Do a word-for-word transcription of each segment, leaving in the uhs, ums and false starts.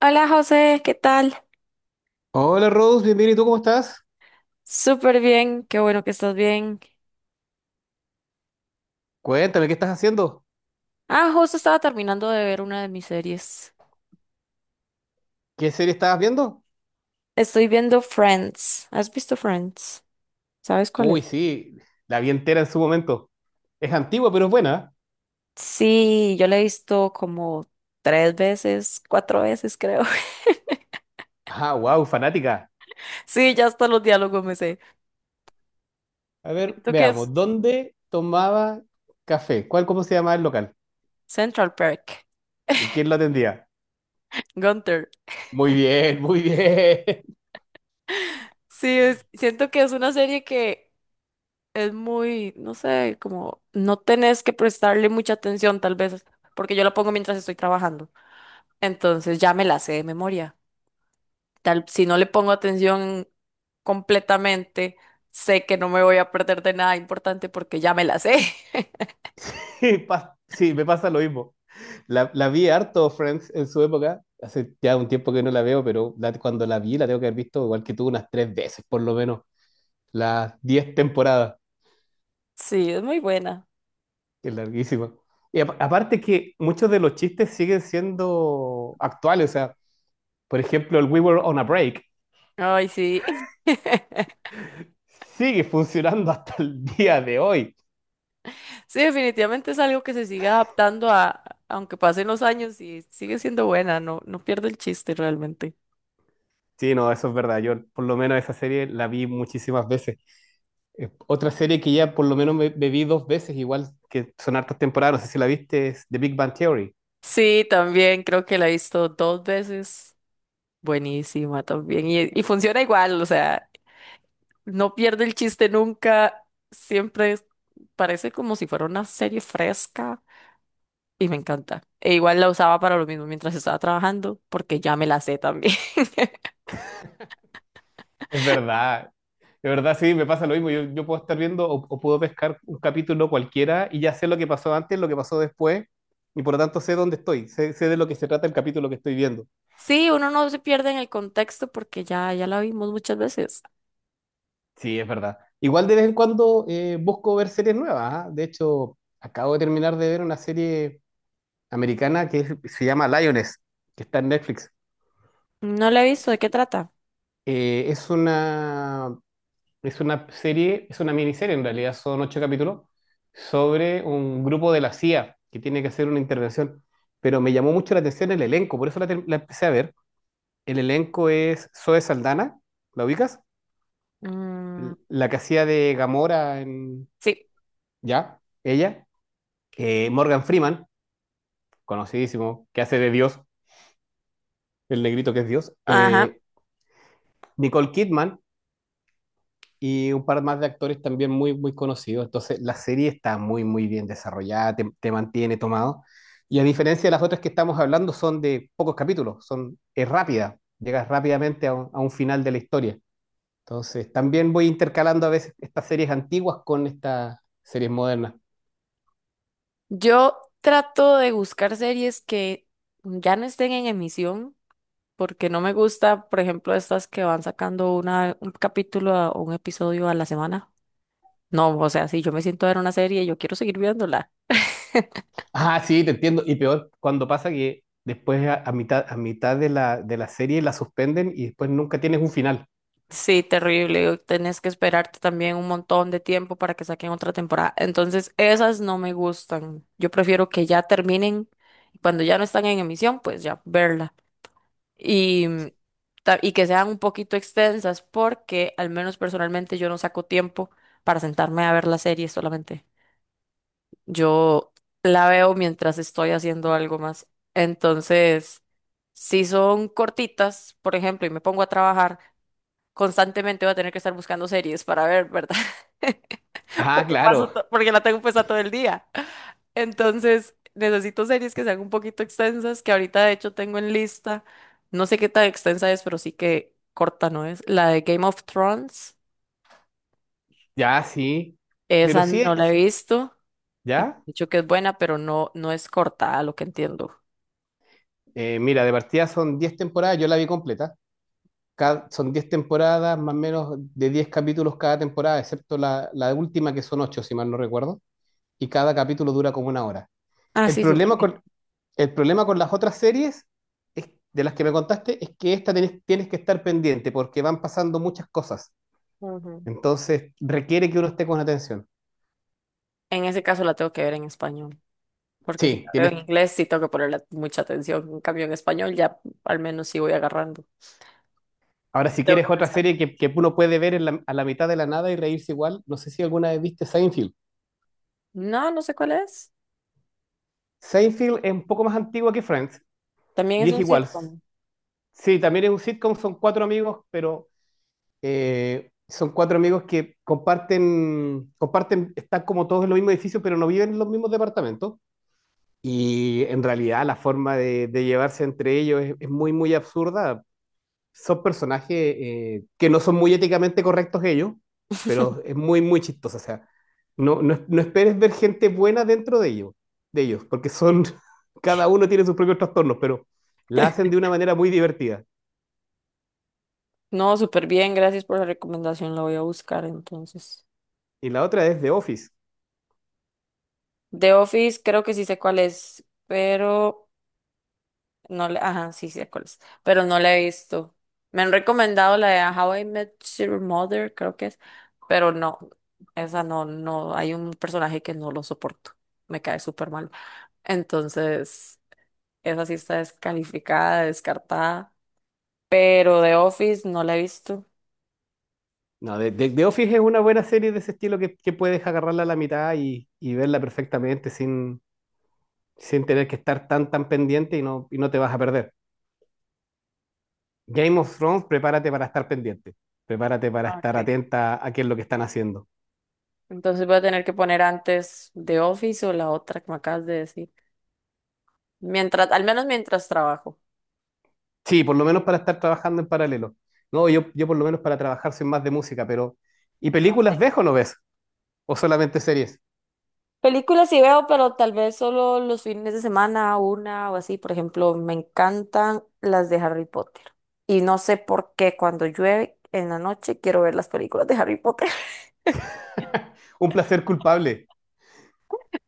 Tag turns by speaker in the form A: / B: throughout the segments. A: Hola José, ¿qué tal?
B: Hola Rose, bienvenido. ¿Y tú cómo estás?
A: Súper bien, qué bueno que estás bien.
B: Cuéntame, ¿qué estás haciendo?
A: Ah, justo estaba terminando de ver una de mis series.
B: ¿Qué serie estabas viendo?
A: Estoy viendo Friends. ¿Has visto Friends? ¿Sabes cuál es?
B: Uy, sí, la vi entera en su momento. Es antigua, pero es buena.
A: Sí, yo la he visto como tres veces, cuatro veces creo.
B: Ah, wow, fanática.
A: Sí, ya hasta los diálogos me sé.
B: A ver,
A: Siento que es
B: veamos, ¿dónde tomaba café? ¿Cuál, cómo se llamaba el local?
A: Central Park.
B: ¿Y quién lo atendía?
A: Gunther.
B: Muy bien, muy bien.
A: Sí, es- siento que es una serie que es muy, no sé, como no tenés que prestarle mucha atención tal vez, porque yo la pongo mientras estoy trabajando. Entonces ya me la sé de memoria. Tal, si no le pongo atención completamente, sé que no me voy a perder de nada importante porque ya me la sé.
B: Pa- Sí, me pasa lo mismo. La, la vi harto, Friends, en su época. Hace ya un tiempo que no la veo, pero la- cuando la vi la tengo que haber visto igual que tú unas tres veces, por lo menos, las diez temporadas.
A: Sí, es muy buena.
B: Es larguísimo. Y apa- aparte que muchos de los chistes siguen siendo actuales. O sea, por ejemplo, el We Were on a Break
A: Ay, sí.
B: sigue funcionando hasta el día de hoy.
A: Sí, definitivamente es algo que se sigue adaptando a, aunque pasen los años y sigue siendo buena, no, no pierde el chiste realmente.
B: Sí, no, eso es verdad. Yo por lo menos esa serie la vi muchísimas veces. Eh, otra serie que ya por lo menos me, me vi dos veces, igual que son hartas temporadas, no sé si la viste, es The Big Bang Theory.
A: Sí, también creo que la he visto dos veces. Buenísima también. Y, y funciona igual, o sea, no pierde el chiste nunca, siempre es- parece como si fuera una serie fresca y me encanta. E igual la usaba para lo mismo mientras estaba trabajando, porque ya me la sé también.
B: Es verdad, de verdad sí, me pasa lo mismo. Yo, yo puedo estar viendo o, o puedo pescar un capítulo cualquiera y ya sé lo que pasó antes, lo que pasó después, y por lo tanto sé dónde estoy, sé, sé de lo que se trata el capítulo que estoy viendo.
A: Sí, uno no se pierde en el contexto porque ya, ya la vimos muchas veces.
B: Sí, es verdad. Igual de vez en cuando eh, busco ver series nuevas. ¿Ah? De hecho, acabo de terminar de ver una serie americana que es- se llama Lioness, que está en Netflix.
A: No la he visto, ¿de qué trata?
B: Eh, es una Es una serie, es una miniserie en realidad, son ocho capítulos sobre un grupo de la C I A que tiene que hacer una intervención. Pero me llamó mucho la atención el elenco, por eso la, ter- la empecé a ver. El elenco es Zoe Saldana, ¿la ubicas?
A: Mm,
B: L- La que hacía de Gamora en...
A: sí,
B: ¿Ya? Ella. Eh, Morgan Freeman, conocidísimo, que hace de Dios, el negrito que es Dios.
A: ajá.
B: Eh, Nicole Kidman, y un par más de actores también muy, muy conocidos. Entonces, la serie está muy, muy bien desarrollada, te, te mantiene tomado. Y a diferencia de las otras que estamos hablando, son de pocos capítulos, son, es rápida, llegas rápidamente a un, a un final de la historia. Entonces, también voy intercalando a veces estas series antiguas con estas series modernas.
A: Yo trato de buscar series que ya no estén en emisión, porque no me gusta, por ejemplo, estas que van sacando una, un capítulo a- o un episodio a la semana. No, o sea, si yo me siento a ver una serie, yo quiero seguir viéndola.
B: Ah, sí, te entiendo. Y peor, cuando pasa que después a, a mitad, a mitad de la, de la serie la suspenden y después nunca tienes un final.
A: Sí, terrible. Tenés que esperarte también un montón de tiempo para que saquen otra temporada. Entonces, esas no me gustan. Yo prefiero que ya terminen y cuando ya no están en emisión, pues ya verla. Y, mm, ta- y que sean un poquito extensas porque al menos personalmente yo no saco tiempo para sentarme a ver la serie solamente. Yo la veo mientras estoy haciendo algo más. Entonces, si son cortitas, por ejemplo, y me pongo a trabajar, constantemente voy a tener que estar buscando series para ver, ¿verdad?
B: Ah,
A: Porque paso
B: claro,
A: to- porque la tengo puesta todo el día. Entonces, necesito series que sean un poquito extensas, que ahorita de hecho tengo en lista. No sé qué tan extensa es, pero sí que corta no es. La de Game of Thrones,
B: ya, sí. Pero
A: esa
B: sí,
A: no la he
B: es,
A: visto y me han
B: ¿ya?
A: dicho que es buena, pero no, no es corta, a lo que entiendo.
B: Eh, mira, de partida son diez temporadas, yo la vi completa. Cada- son diez temporadas, más o menos de diez capítulos cada temporada, excepto la, la última que son ocho, si mal no recuerdo, y cada capítulo dura como una hora.
A: Ah,
B: El
A: sí, súper
B: problema
A: bien.
B: con, el problema con las otras series es- de las que me contaste es que esta tenés- tienes que estar pendiente porque van pasando muchas cosas.
A: Ujú.
B: Entonces requiere que uno esté con atención.
A: En ese caso la tengo que ver en español, porque si
B: Sí,
A: la veo en
B: tienes.
A: inglés sí tengo que ponerle mucha atención. En cambio, en español ya al menos sí voy agarrando.
B: Ahora, si
A: Tengo
B: quieres
A: que
B: otra
A: pensar.
B: serie que, que uno puede ver en la- a la mitad de la nada y reírse igual, no sé si alguna vez viste Seinfeld.
A: No, no sé cuál es.
B: Seinfeld es un poco más antigua que Friends
A: También
B: y
A: es
B: es
A: un
B: igual.
A: sitcom.
B: Sí, también es un sitcom, son cuatro amigos, pero eh, son cuatro amigos que comparten, comparten, están como todos en los mismos edificios, pero no viven en los mismos departamentos. Y en realidad la forma de, de llevarse entre ellos es, es muy, muy absurda son personajes eh, que no son muy éticamente correctos ellos, pero es muy, muy chistoso. O sea, no, no, no esperes ver gente buena dentro de ellos, de ellos, porque son, cada uno tiene sus propios trastornos, pero la hacen de una manera muy divertida.
A: No, súper bien, gracias por la recomendación, la voy a buscar entonces.
B: Y la otra es The Office.
A: The Office creo que sí sé cuál es, pero No le, ajá, sí, sí, sé cuál es, pero no la he visto. Me han recomendado la de How I Met Your Mother, creo que es, pero no, esa no, no, hay un personaje que no lo soporto, me cae súper mal. Entonces, esa sí está descalificada, descartada, pero The Office no la he visto.
B: No, The, The- The Office es una buena serie de ese estilo que, que puedes agarrarla a la mitad y, y verla perfectamente sin, sin tener que estar tan, tan pendiente y no, y no te vas a perder. Game of Thrones, prepárate para estar pendiente, prepárate para
A: Ah,
B: estar
A: ok.
B: atenta a qué es lo que están haciendo.
A: Entonces voy a tener que poner antes The Office o la otra que me acabas de decir, mientras, al menos mientras trabajo.
B: Sí, por lo menos para estar trabajando en paralelo. No, yo, yo por lo menos para trabajar soy más de música, pero ¿y películas ves o no ves? ¿O solamente series?
A: Películas sí veo, pero tal vez solo los fines de semana, una o así. Por ejemplo, me encantan las de Harry Potter. Y no sé por qué cuando llueve en la noche quiero ver las películas de Harry Potter.
B: Un placer culpable.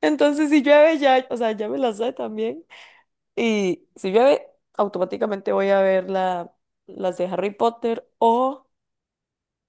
A: Entonces, si llueve ya, o sea, ya me las sé también. Y si llueve, automáticamente voy a ver la, las de Harry Potter. O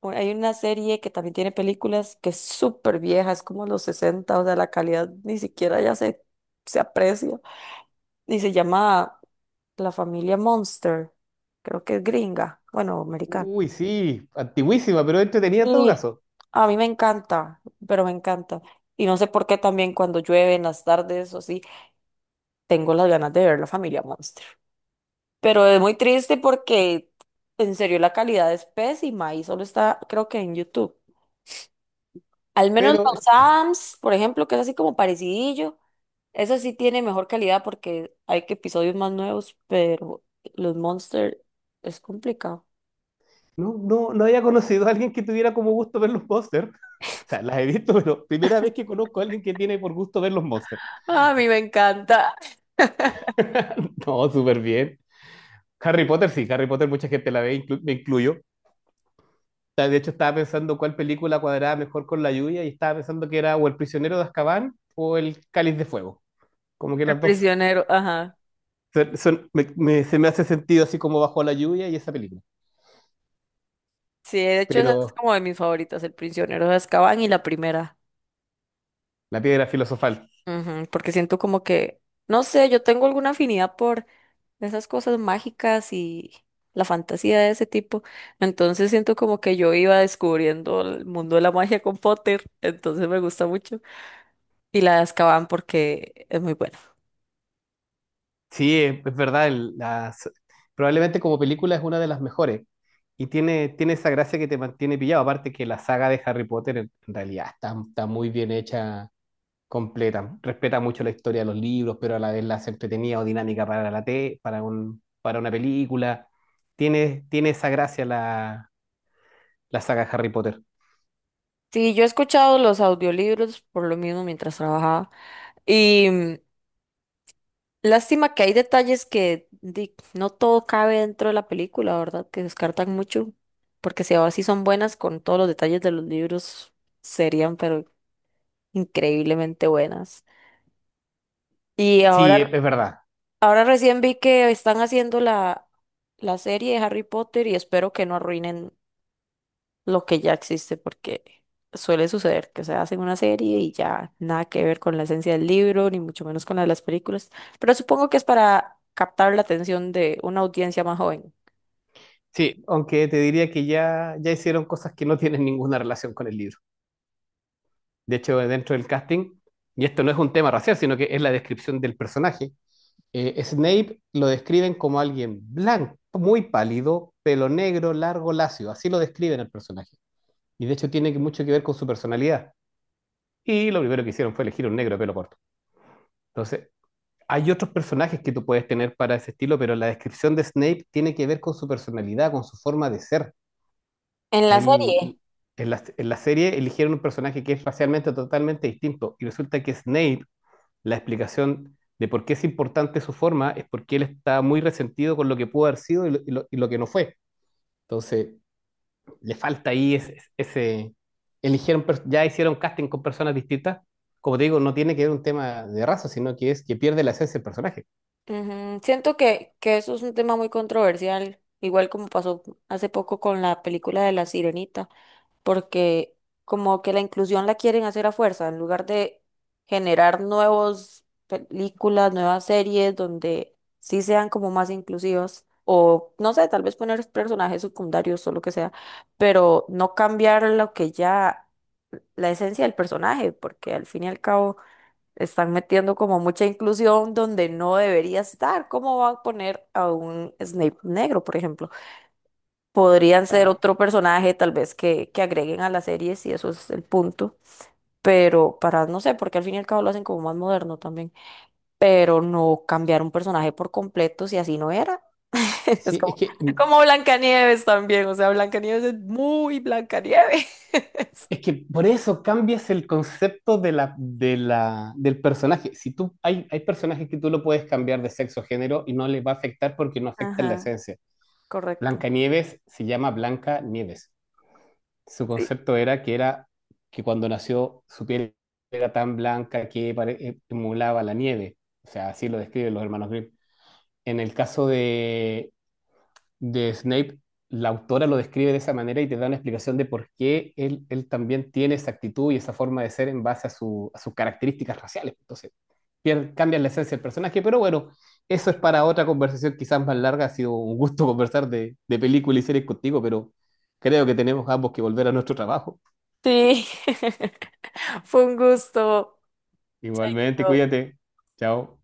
A: o hay una serie que también tiene películas que es súper vieja, es como los sesenta, o sea, la calidad ni siquiera ya se, se aprecia. Y se llama la familia Monster. Creo que es gringa, bueno, americana.
B: Uy, sí, antiguísima, pero entretenida en todo
A: Sí,
B: caso.
A: a mí me encanta, pero me encanta. Y no sé por qué también cuando llueve en las tardes o así, tengo las ganas de ver la familia Monster. Pero es muy triste porque en serio la calidad es pésima y solo está, creo que en YouTube. Al menos
B: Pero
A: los Adams, por ejemplo, que es así como parecidillo, eso sí tiene mejor calidad porque hay que episodios más nuevos, pero los Monster es complicado.
B: no, no, no había conocido a alguien que tuviera como gusto ver los monsters. O sea, las he visto, pero primera vez que conozco a alguien que tiene por gusto ver los monsters.
A: Ah, a mí me encanta.
B: No, súper bien. Harry Potter, sí, Harry Potter, mucha gente la ve, inclu- me incluyo. Ta- De hecho, estaba pensando cuál película cuadraba mejor con la lluvia y estaba pensando que era o El prisionero de Azkaban o El Cáliz de Fuego. Como que
A: El
B: las dos
A: prisionero, ajá.
B: se- son- me, me- se me hace sentido así como bajo la lluvia y esa película.
A: Sí, de hecho, esa es
B: Pero
A: como de mis favoritas, El prisionero de Azkaban y la primera.
B: La piedra filosofal.
A: Ujú, porque siento como que, no sé, yo tengo alguna afinidad por esas cosas mágicas y la fantasía de ese tipo. Entonces siento como que yo iba descubriendo el mundo de la magia con Potter, entonces me gusta mucho. Y la de Azkaban porque es muy buena.
B: Sí, es, es verdad, el- las- probablemente como película es una de las mejores y tiene, tiene esa gracia que te mantiene pillado. Aparte que la saga de Harry Potter en en realidad está, está muy bien hecha completa. Respeta mucho la historia de los libros, pero a la vez la hace entretenida o dinámica para la T, para un, para una película. Tiene, tiene esa gracia la, la saga Harry Potter.
A: Sí, yo he escuchado los audiolibros por lo mismo mientras trabajaba. y Lástima que hay detalles que di, no todo cabe dentro de la película, ¿verdad? Que descartan mucho, porque si ahora sí son buenas con todos los detalles de los libros, serían pero increíblemente buenas. Y
B: Sí,
A: ahora,
B: es es verdad.
A: ahora recién vi que están haciendo la, la serie de Harry Potter y espero que no arruinen lo que ya existe, porque suele suceder que se hacen una serie y ya nada que ver con la esencia del libro, ni mucho menos con la de las películas, pero supongo que es para captar la atención de una audiencia más joven.
B: Sí, aunque te diría que ya, ya hicieron cosas que no tienen ninguna relación con el libro. De hecho, dentro del casting, y esto no es un tema racial, sino que es la descripción del personaje, eh, Snape lo describen como alguien blanco, muy pálido, pelo negro, largo, lacio. Así lo describen el personaje. Y de hecho tiene que- mucho que ver con su personalidad. Y lo primero que hicieron fue elegir un negro de pelo corto. Entonces, hay otros personajes que tú puedes tener para ese estilo, pero la descripción de Snape tiene que ver con su personalidad, con su forma de ser.
A: En la serie,
B: Él, en la, en la serie eligieron un personaje que es racialmente totalmente distinto. Y resulta que Snape, la explicación de por qué es importante su forma es porque él está muy resentido con lo que pudo haber sido y lo, y lo- y lo que no fue. Entonces, le falta ahí ese, ese- eligieron, per- ya hicieron casting con personas distintas. Como te digo, no tiene que ver un tema de raza, sino que es que pierde la esencia del personaje.
A: ujú, siento que, que eso es un tema muy controversial, igual como pasó hace poco con la película de La Sirenita. Porque como que la inclusión la quieren hacer a fuerza, en lugar de generar nuevas películas, nuevas series donde sí sean como más inclusivos, o no sé, tal vez poner personajes secundarios o lo que sea, pero no cambiar lo que ya, la esencia del personaje, porque al fin y al cabo están metiendo como mucha inclusión donde no debería estar. ¿Cómo va a poner a un Snape negro, por ejemplo? Podrían ser
B: Claro.
A: otro personaje tal vez que, que agreguen a la serie si eso es el punto, pero para, no sé, porque al fin y al cabo lo hacen como más moderno también, pero no cambiar un personaje por completo si así no era. Es
B: Sí, es
A: como,
B: que,
A: como Blancanieves también, o sea, Blancanieves es muy Blancanieves.
B: es que por eso cambias el concepto de la, de la, del personaje. Si tú, hay, hay personajes que tú lo puedes cambiar de sexo o género y no les va a afectar porque no afecta la
A: Ajá,
B: esencia.
A: correcto.
B: Blancanieves se llama Blanca Nieves. Su
A: Sí.
B: concepto era que era que cuando nació su piel era tan blanca que pare- eh, emulaba la nieve. O sea, así lo describen los hermanos Grimm. En el caso de, de Snape, la autora lo describe de esa manera y te da una explicación de por qué él, él también tiene esa actitud y esa forma de ser en base a, su- a sus características raciales. Entonces, pier- cambian la esencia del personaje, pero bueno, eso es para otra conversación quizás más larga. Ha sido un gusto conversar de, de películas y series contigo, pero creo que tenemos ambos que volver a nuestro trabajo.
A: Sí, fue un gusto.
B: Igualmente, cuídate. Chao.